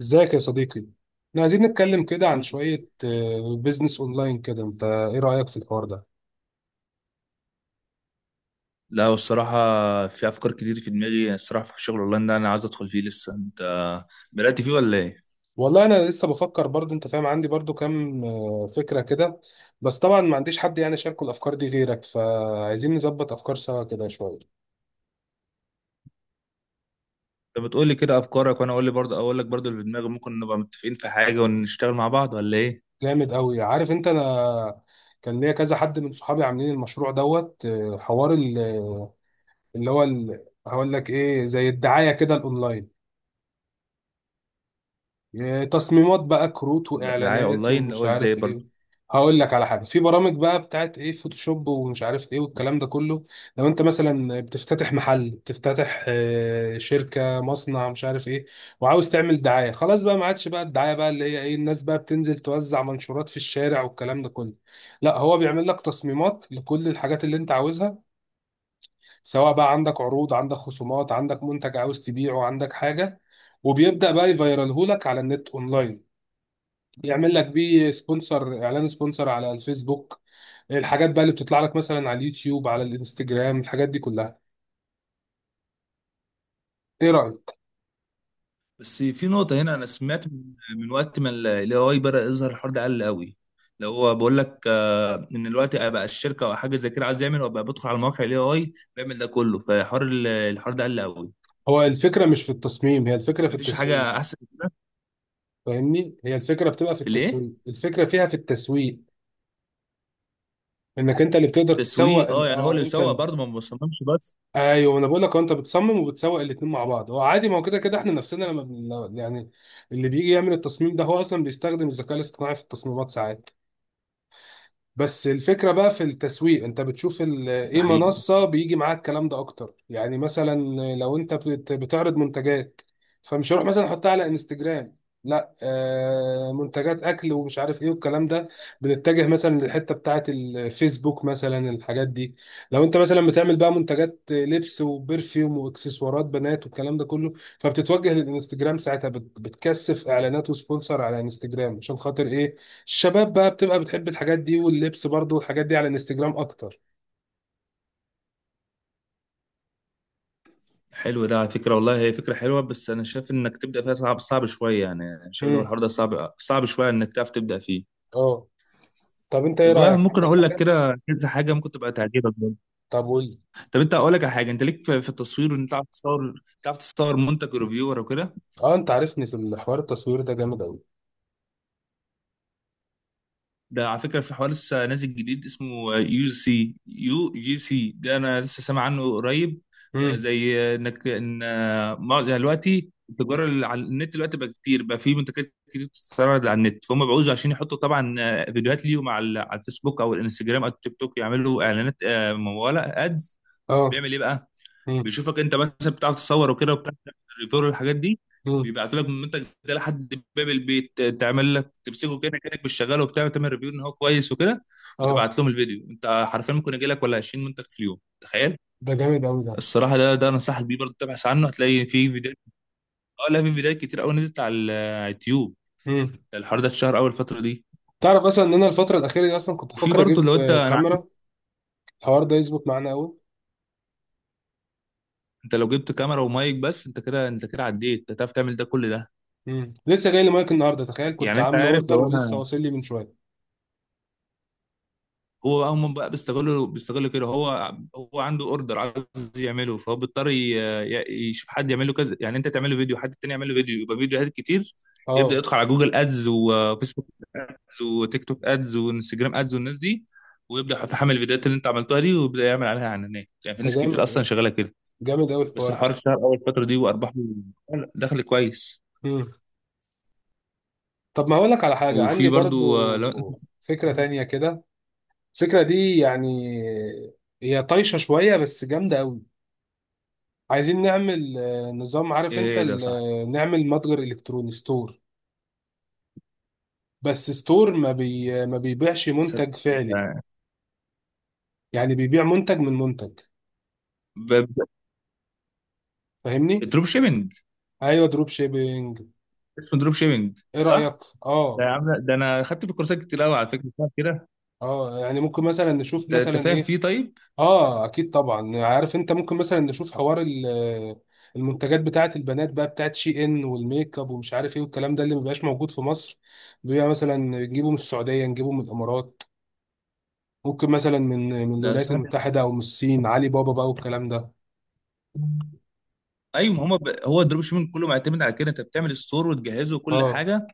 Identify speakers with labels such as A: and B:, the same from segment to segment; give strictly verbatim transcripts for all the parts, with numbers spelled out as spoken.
A: ازيك يا صديقي؟ احنا عايزين نتكلم كده عن
B: الحمد لله.
A: شوية بيزنس اونلاين كده، انت ايه رأيك في الحوار ده؟
B: لا، والصراحة في أفكار كتير في دماغي، يعني الصراحة في شغل أونلاين ده أنا عايز أدخل فيه لسه. أنت بدأت فيه ولا إيه؟
A: والله انا لسه بفكر، برضو انت فاهم، عندي برضو كام آه، فكرة كده. بس طبعا ما عنديش حد يعني شاركه الافكار دي غيرك، فعايزين نظبط افكار سوا كده شوية.
B: أنت بتقول لي كده أفكارك، وأنا أقول لي برضه أقول لك برضه اللي في دماغي، ممكن نبقى متفقين في حاجة ونشتغل مع بعض ولا إيه؟
A: جامد قوي. عارف انت، انا كان ليا كذا حد من صحابي عاملين المشروع دوت آه، حوار ال- اللي هو ال- هقول لك ايه، زي الدعاية كده الاونلاين، يا تصميمات بقى، كروت
B: ده- دعاية
A: واعلانات
B: أونلاين اللي
A: ومش
B: هو إزاي
A: عارف
B: برضه.
A: ايه. هقول لك على حاجه، في برامج بقى بتاعت ايه، فوتوشوب ومش عارف ايه والكلام ده كله. لو انت مثلا بتفتتح محل، بتفتتح آه، شركه، مصنع، مش عارف ايه، وعاوز تعمل دعايه، خلاص بقى ما عادش بقى الدعايه بقى اللي هي ايه الناس بقى بتنزل توزع منشورات في الشارع والكلام ده كله. لا، هو بيعمل لك تصميمات لكل الحاجات اللي انت عاوزها، سواء بقى عندك عروض، عندك خصومات، عندك منتج عاوز تبيعه، عندك حاجه. وبيبدأ بقى يفيرالهولك على النت اونلاين، يعمل لك بيه سبونسر، اعلان سبونسر على الفيسبوك، الحاجات بقى اللي بتطلع لك مثلا على اليوتيوب، على الانستجرام، الحاجات دي كلها. ايه رأيك؟
B: بس في نقطة هنا، أنا سمعت من من وقت ما ال إيه آي بدأ يظهر الحوار ده قل قوي. اللي هو بقول لك آه، إن الوقت بقى الشركة أو حاجة زي كده عايز يعمل، وبقى بدخل على مواقع ال إيه آي بيعمل ده كله. فحوار ال- الحوار ده قل قوي.
A: هو الفكرة مش في التصميم، هي الفكرة في
B: مفيش
A: التسويق.
B: حاجة أحسن من كده.
A: فاهمني؟ هي الفكرة بتبقى في
B: في الإيه؟
A: التسويق، الفكرة فيها في التسويق. انك انت اللي بتقدر تسوق
B: تسويق، اه،
A: ال-
B: يعني هو اللي
A: اه انت
B: بيسوق
A: ال...
B: برضه ما بصممش بس.
A: ايوه، انا بقول لك، هو انت بتصمم وبتسوق الاتنين مع بعض. هو عادي، ما هو كده كده احنا نفسنا لما بن... يعني. اللي بيجي يعمل التصميم ده هو اصلا بيستخدم الذكاء الاصطناعي في التصميمات ساعات. بس الفكرة بقى في التسويق. انت بتشوف ال-
B: ده
A: ايه
B: حقيقي.
A: منصة بيجي معاك الكلام ده اكتر، يعني مثلا، لو انت بت- بتعرض منتجات، فمش هروح مثلا احطها على انستجرام. لا، آه منتجات اكل ومش عارف ايه والكلام ده، بنتجه مثلا للحتة بتاعة الفيسبوك، مثلا الحاجات دي. لو انت مثلا بتعمل بقى منتجات لبس وبرفيوم واكسسوارات بنات والكلام ده كله، فبتتوجه للانستجرام ساعتها، بت- بتكثف اعلانات وسبونسر على انستجرام، عشان خاطر ايه؟ الشباب بقى بتبقى بتحب الحاجات دي واللبس برضو، والحاجات دي على الانستجرام اكتر.
B: حلو ده على فكره، والله هي فكره حلوه، بس انا شايف انك تبدا فيها صعب صعب شويه، يعني أنا شايف إن هو
A: امم.
B: الحوار ده صعب صعب شويه انك تعرف تبدا فيه.
A: اه. طب انت ايه
B: طب بقى
A: رايك،
B: ممكن
A: عندك
B: اقول لك
A: حاجه؟
B: كده كذا حاجه ممكن تبقى تعجبك برضه.
A: طب قول لي.
B: طب انت اقول لك على حاجه، انت ليك في في التصوير، وان انت تعرف تصور، تعرف تصور منتج ريفيور وكده.
A: اه، انت عارفني في الحوار، التصوير ده جامد قوي.
B: ده على فكرة في حوار لسه نازل جديد اسمه يو سي يو جي سي، ده أنا لسه سامع عنه قريب. آه،
A: امم.
B: زي آه، إنك إن آه، مع- يعني دلوقتي التجارة اللي على النت دلوقتي بقى كتير بقى، في منتجات كتير بتتعرض على النت، فهم بيعوزوا عشان يحطوا طبعا آه، فيديوهات ليهم على ال- على الفيسبوك أو الانستجرام أو التيك توك، يعملوا إعلانات آه، ممولة أدز.
A: اه.
B: بيعمل إيه بقى؟
A: امم.
B: بيشوفك انت مثلا بتعرف تصور وكده، وبتعرف الريفير والحاجات دي.
A: امم.
B: بيبعتوا لك المنتج ده لحد باب البيت، تعمل لك، تمسكه كده كانك مش شغال وبتاع، تعمل ريفيو ان هو كويس وكده،
A: اه.
B: وتبعت لهم الفيديو. انت حرفيا ممكن يجي لك ولا عشرين منتج في اليوم، تخيل.
A: ده جامد قوي ده.
B: الصراحه ده ده انصحك بيه برضه، تبحث عنه هتلاقي في فيديوهات. اه لا في فيديوهات كتير قوي نزلت على ال- على اليوتيوب.
A: امم.
B: الحوار ده اتشهر اول الفتره دي.
A: تعرف اصلا ان انا الفتره الاخيره دي اصلا كنت
B: وفي
A: بفكر
B: برضه لو
A: اجيب
B: انت،
A: آه،
B: انا عارف،
A: كاميرا. الحوار ده يظبط معانا قوي.
B: انت لو جبت كاميرا ومايك بس، انت كده، انت كده عديت، انت هتعرف تعمل ده كل ده.
A: امم لسه جاي لي مايك النهارده، تخيل، كنت
B: يعني انت
A: عامل
B: عارف
A: اوردر
B: لو
A: ولسه
B: انا،
A: واصل لي من شويه.
B: هو بقى هم بقى بيستغلوا بيستغلوا كده، هو هو عنده اوردر عايز يعمله، فهو بيضطر ي- ي- يشوف حد يعمل له كذا، يعني انت تعمل له فيديو، حد تاني يعمل له فيديو، يبقى فيديوهات كتير. يبدا
A: اه.
B: يدخل على جوجل ادز وفيسبوك ادز وتيك توك ادز وانستجرام ادز والناس دي، ويبدا يتحمل الفيديوهات اللي انت عملتها دي ويبدا يعمل عليها اعلانات. يعني في
A: ده
B: ناس كتير
A: جامد،
B: اصلا شغاله كده.
A: جامد قوي
B: بس
A: الحوار ده.
B: الحوار اشتهر اول فتره دي وارباحه دخل كويس.
A: امم. طب ما اقول لك على حاجه
B: وفي
A: عندي
B: برضو آه، لو انت،
A: برضو، فكره تانية كده. الفكرة دي يعني، هي طايشة شوية بس جامدة قوي. عايزين نعمل آه، نظام، عارف انت
B: ايه ده،
A: ال-
B: صح،
A: آه، نعمل متجر الكتروني ستور. بس ستور ما بي آه، ما بيبيعش
B: صدق
A: منتج
B: انت.
A: فعلي، يعني بيبيع منتج من منتج.
B: ب- ب-
A: فاهمني؟
B: دروب شيبنج.
A: ايوه، دروب شيبينج.
B: اسمه دروب شيبنج
A: ايه
B: صح؟
A: رأيك؟
B: ده يا
A: اه.
B: عم لا، ده انا خدت في كورسات كتير قوي على فكره بتاع كده.
A: اه، يعني ممكن مثلا نشوف
B: انت انت
A: مثلا
B: فاهم
A: ايه؟
B: فيه طيب.
A: اه، اكيد طبعا، عارف انت، ممكن مثلا نشوف حوار ال- المنتجات بتاعت البنات بقى، بتاعت شي ان والميك اب ومش عارف ايه والكلام ده، اللي مبقاش موجود في مصر. بيبقى مثلا نجيبه من السعوديه، نجيبه من الامارات. ممكن مثلا من من
B: ده
A: الولايات
B: سمعت.
A: المتحده، او من الصين، علي بابا بقى والكلام ده.
B: ايوه ما هو ب... هو الدروب شيبنج كله معتمد على كده، انت بتعمل ستور وتجهزه وكل
A: اه.
B: حاجه،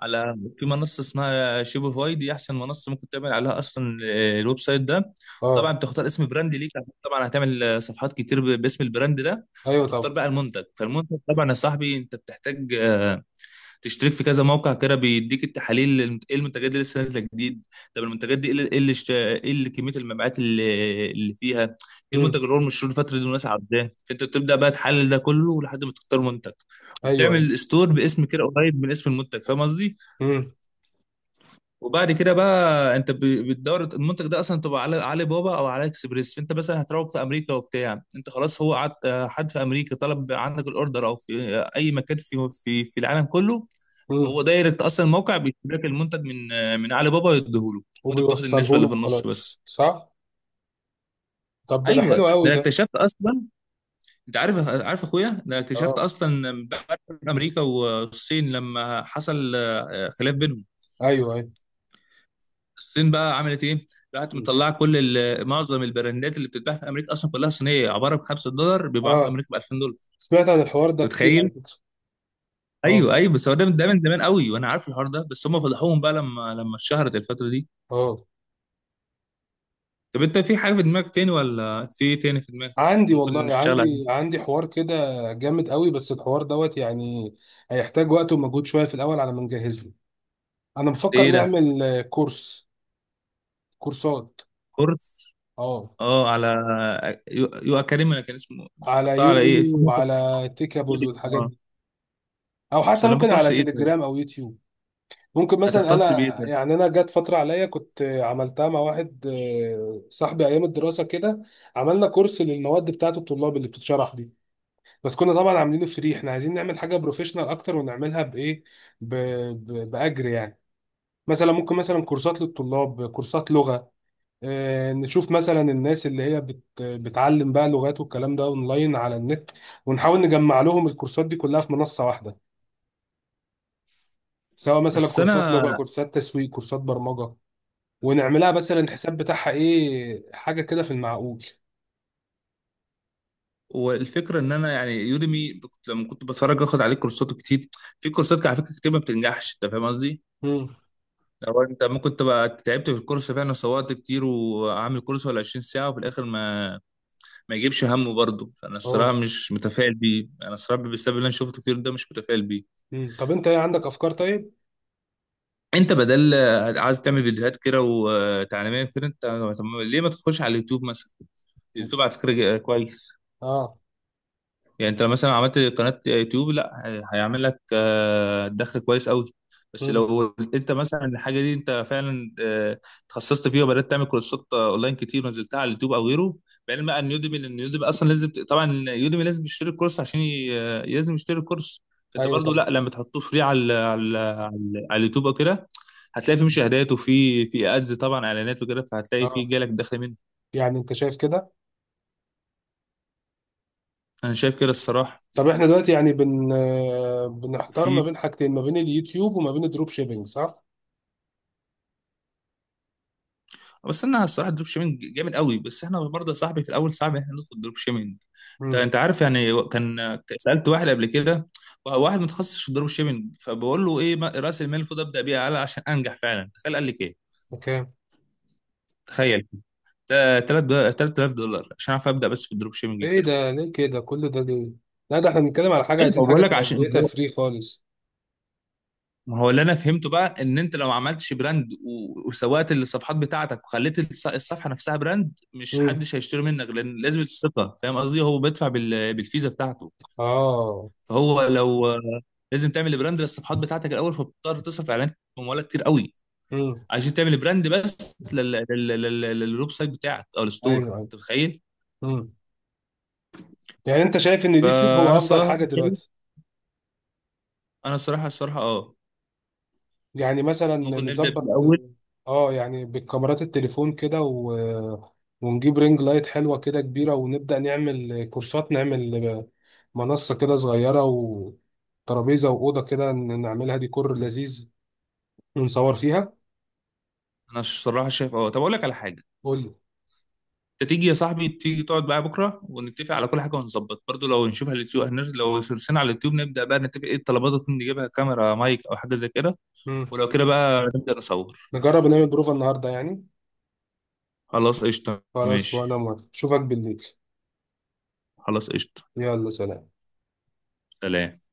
B: على، في منصه اسمها شوبيفاي، دي احسن منصه ممكن تعمل عليها اصلا آه، الويب سايت ده. طبعا
A: اه.
B: بتختار اسم براند ليك، عشان طبعا هتعمل آه، صفحات كتير ب- باسم البراند ده.
A: ايوه
B: وتختار
A: طبعا.
B: بقى المنتج، فالمنتج طبعا يا صاحبي انت بتحتاج تشترك في كذا موقع كده بيديك التحاليل للمت- ايه المنتجات اللي لسه نازله جديد. طب المنتجات دي ايه اللي ايه اللي اشت- إيه اللي كميه المبيعات اللي اللي فيها، ايه
A: امم.
B: المنتج اللي هو المشهور الفتره دي والناس عايزاه. انت بتبدا بقى تحلل ده كله لحد ما تختار منتج،
A: ايوه، ايوه.
B: وبتعمل ستور باسم كده قريب من اسم المنتج، فاهم قصدي.
A: امم.
B: وبعد كده بقى انت ب- بتدور المنتج ده اصلا تبقى على علي بابا او على اكسبريس. انت مثلا هتروج في امريكا وبتاع، انت خلاص هو قعد، آه، حد في امريكا طلب عندك الاوردر، او في آه، اي مكان في في في العالم كله،
A: امم.
B: هو دايركت اصلا الموقع بيشتري لك المنتج من من علي بابا يديهوله، وانت بتاخد النسبه
A: وبيوصله
B: اللي في
A: له،
B: النص بس.
A: خلاص، صح؟ طب ده
B: ايوه
A: حلو
B: ده
A: قوي
B: انا
A: ده.
B: اكتشفت اصلا، انت عارف، عارف اخويا ده، أنا اكتشفت
A: اه.
B: اصلا بعد امريكا والصين لما حصل آه، خلاف بينهم،
A: ايوه، ايوه.
B: الصين بقى عملت ايه، راحت
A: مم.
B: مطلعه كل ال- معظم البراندات اللي بتتباع في امريكا اصلا كلها صينيه، عباره ب خمسة دولار بيباعوها في
A: اه.
B: امريكا ب ألفين دولار،
A: سمعت عن الحوار
B: انت
A: ده كتير على
B: متخيل؟
A: فكره. اه.
B: ايوه ايوه بس هو ده من، ده من زمان قوي وانا عارف الحوار ده، بس هم فضحوهم بقى لما لما اتشهرت الفتره دي.
A: اه.
B: طب انت في حاجه في دماغك تاني، ولا في إيه تاني في دماغك
A: عندي
B: ممكن
A: والله،
B: نشتغل
A: عندي
B: عليه؟
A: عندي حوار كده، جامد قوي. بس الحوار دوت يعني، هيحتاج وقت ومجهود شوية في الأول على ما نجهز له. أنا بفكر
B: ايه ده،
A: نعمل آه، كورس. كورسات.
B: كورس.
A: اه.
B: اه على، يو, يو اكاديمي، ولا كان اسمه،
A: على
B: بتحطها على ايه،
A: يوديمي،
B: في موقع
A: وعلى تيكابل
B: فيديو.
A: والحاجات
B: اه.
A: دي. أو
B: بس
A: حتى
B: انا
A: ممكن
B: بكورس
A: على
B: ايه طيب،
A: تليجرام أو يوتيوب. ممكن مثلا
B: هتختص
A: أنا،
B: بايه طيب؟
A: يعني أنا جت فترة عليا كنت آه، عملتها مع واحد آه، صاحبي أيام الدراسة كده. عملنا كورس للمواد بتاعة الطلاب اللي بتتشرح دي. بس كنا طبعا عاملينه فري. احنا عايزين نعمل حاجه بروفيشنال اكتر ونعملها بايه؟ ب... ب... باجر يعني. مثلا ممكن مثلا كورسات للطلاب، كورسات لغه. اه، نشوف مثلا الناس اللي هي بت... بتعلم بقى لغات والكلام ده اونلاين على النت. ونحاول نجمع لهم الكورسات دي كلها في منصه واحده، سواء مثلا
B: بس
A: كورسات
B: انا
A: لغه، كورسات تسويق، كورسات برمجه. ونعملها مثلا الحساب بتاعها ايه، حاجه كده في المعقول.
B: والفكره ان انا يعني يوديمي، كنت لما كنت بتفرج اخد عليه كورسات كتير. في كورسات على فكره كتير ما بتنجحش، انت فاهم قصدي.
A: امم.
B: لو انت ممكن تبقى تعبت في الكورس فعلا وصورت كتير وعامل كورس ولا عشرين ساعة ساعه، وفي الاخر ما ما يجيبش همه برضه، فانا الصراحه
A: اه.
B: مش متفائل بيه، انا الصراحه بسبب اللي انا شفته كتير ده مش متفائل بيه.
A: مم. طب انت ايه عندك افكار طيب؟
B: انت بدل، عايز تعمل فيديوهات كده وتعليميه كده انت، طب ليه ما تدخلش على اليوتيوب مثلا؟ اليوتيوب على فكره جا- كويس.
A: اه.
B: يعني انت لو مثلا عملت قناة يوتيوب لا، هي- هيعمل لك آه، دخل كويس قوي. بس
A: امم.
B: لو انت مثلا الحاجة دي انت فعلا آه، اتخصصت فيها وبدأت تعمل كورسات آه، اونلاين كتير ونزلتها على اليوتيوب او غيره، بعلم ان يوديمي، لان يوديمي اصلا لازم ت- طبعا يوديمي لازم يشتري الكورس عشان ي- آه، لازم يشتري الكورس. فانت
A: ايوه
B: برضو
A: طبعا.
B: لا لما تحطوه فري على ال- على ال- على ال- على اليوتيوب او كده، هتلاقي فيه مشاهدات وفي في ادز طبعا اعلانات وكده، فهتلاقي فيه
A: اه.
B: جالك دخل منه.
A: يعني انت شايف كده؟
B: انا شايف كده الصراحة.
A: طب احنا دلوقتي يعني بن آه، بنحتار ما
B: وفي،
A: بين حاجتين، ما بين اليوتيوب وما بين الدروب شيبينج، صح؟
B: بس انا الصراحه الدروب شيبنج جامد قوي، بس احنا برضه يا صاحبي في الاول صعب احنا ندخل دروب شيبنج. انت
A: امم.
B: انت عارف يعني، كان سالت واحد قبل كده، واحد متخصص في الدروب شيبنج، فبقول له ايه ما- راس المال المفروض ابدا بيه اعلى عشان انجح فعلا، تخيل قال لك ايه،
A: اوكي.
B: تخيل ده تلات آلاف دولار عشان اعرف ابدا بس في الدروب شيبنج
A: ايه
B: كده.
A: ده، ليه كده، كل ده ليه؟ لا، ده احنا بنتكلم على حاجه،
B: ايوه
A: عايزين حاجه
B: بقول لك
A: تبقى
B: عشان،
A: بدايتها
B: ما هو
A: فري خالص.
B: ما هو اللي انا فهمته بقى، ان انت لو ما عملتش براند و- وسوقت الصفحات بتاعتك وخليت الص- الصفحه نفسها براند، مش
A: امم.
B: حدش هيشتري منك لان لازم الثقه، فاهم قصدي، هو بيدفع بال- بالفيزا بتاعته.
A: اه.
B: فهو لو، لازم تعمل براند للصفحات بتاعتك الاول، فبتضطر تصرف اعلان بمبالغ كتير قوي
A: امم.
B: عشان تعمل براند بس لل- لل- لل- لل- للويب سايت بتاعك او الستور،
A: ايوه، ايوه.
B: انت متخيل.
A: امم. يعني انت شايف ان اليوتيوب
B: فانا
A: هو افضل
B: الصراحه
A: حاجه
B: شايف،
A: دلوقتي؟
B: انا الصراحه الصراحه اه،
A: يعني مثلا
B: ممكن نبدا
A: نظبط،
B: بالاول.
A: اه، يعني بالكاميرات التليفون كده و... ونجيب رينج لايت حلوة كده كبيرة، ونبدأ نعمل كورسات، نعمل منصة كده صغيرة، وترابيزة وأوضة كده نعملها ديكور لذيذ، ونصور فيها.
B: انا الصراحه شايف اه، طب اقول لك على حاجه،
A: قول لي.
B: انت تيجي يا صاحبي، تيجي تقعد بقى بكره ونتفق على كل حاجه، ونظبط برضو لو نشوف على اليوتيوب هنر- لو سرسنا على اليوتيوب، نبدا بقى نتفق ايه الطلبات اللي ممكن نجيبها، كاميرا، مايك، او حاجه زي كده.
A: مم.
B: ولو كده بقى نبدا نصور.
A: نجرب نعمل بروفة النهاردة يعني؟
B: خلاص قشطه
A: خلاص، وأنا
B: ماشي.
A: موافق، أشوفك بالليل.
B: خلاص قشطه.
A: يلا، سلام.
B: سلام.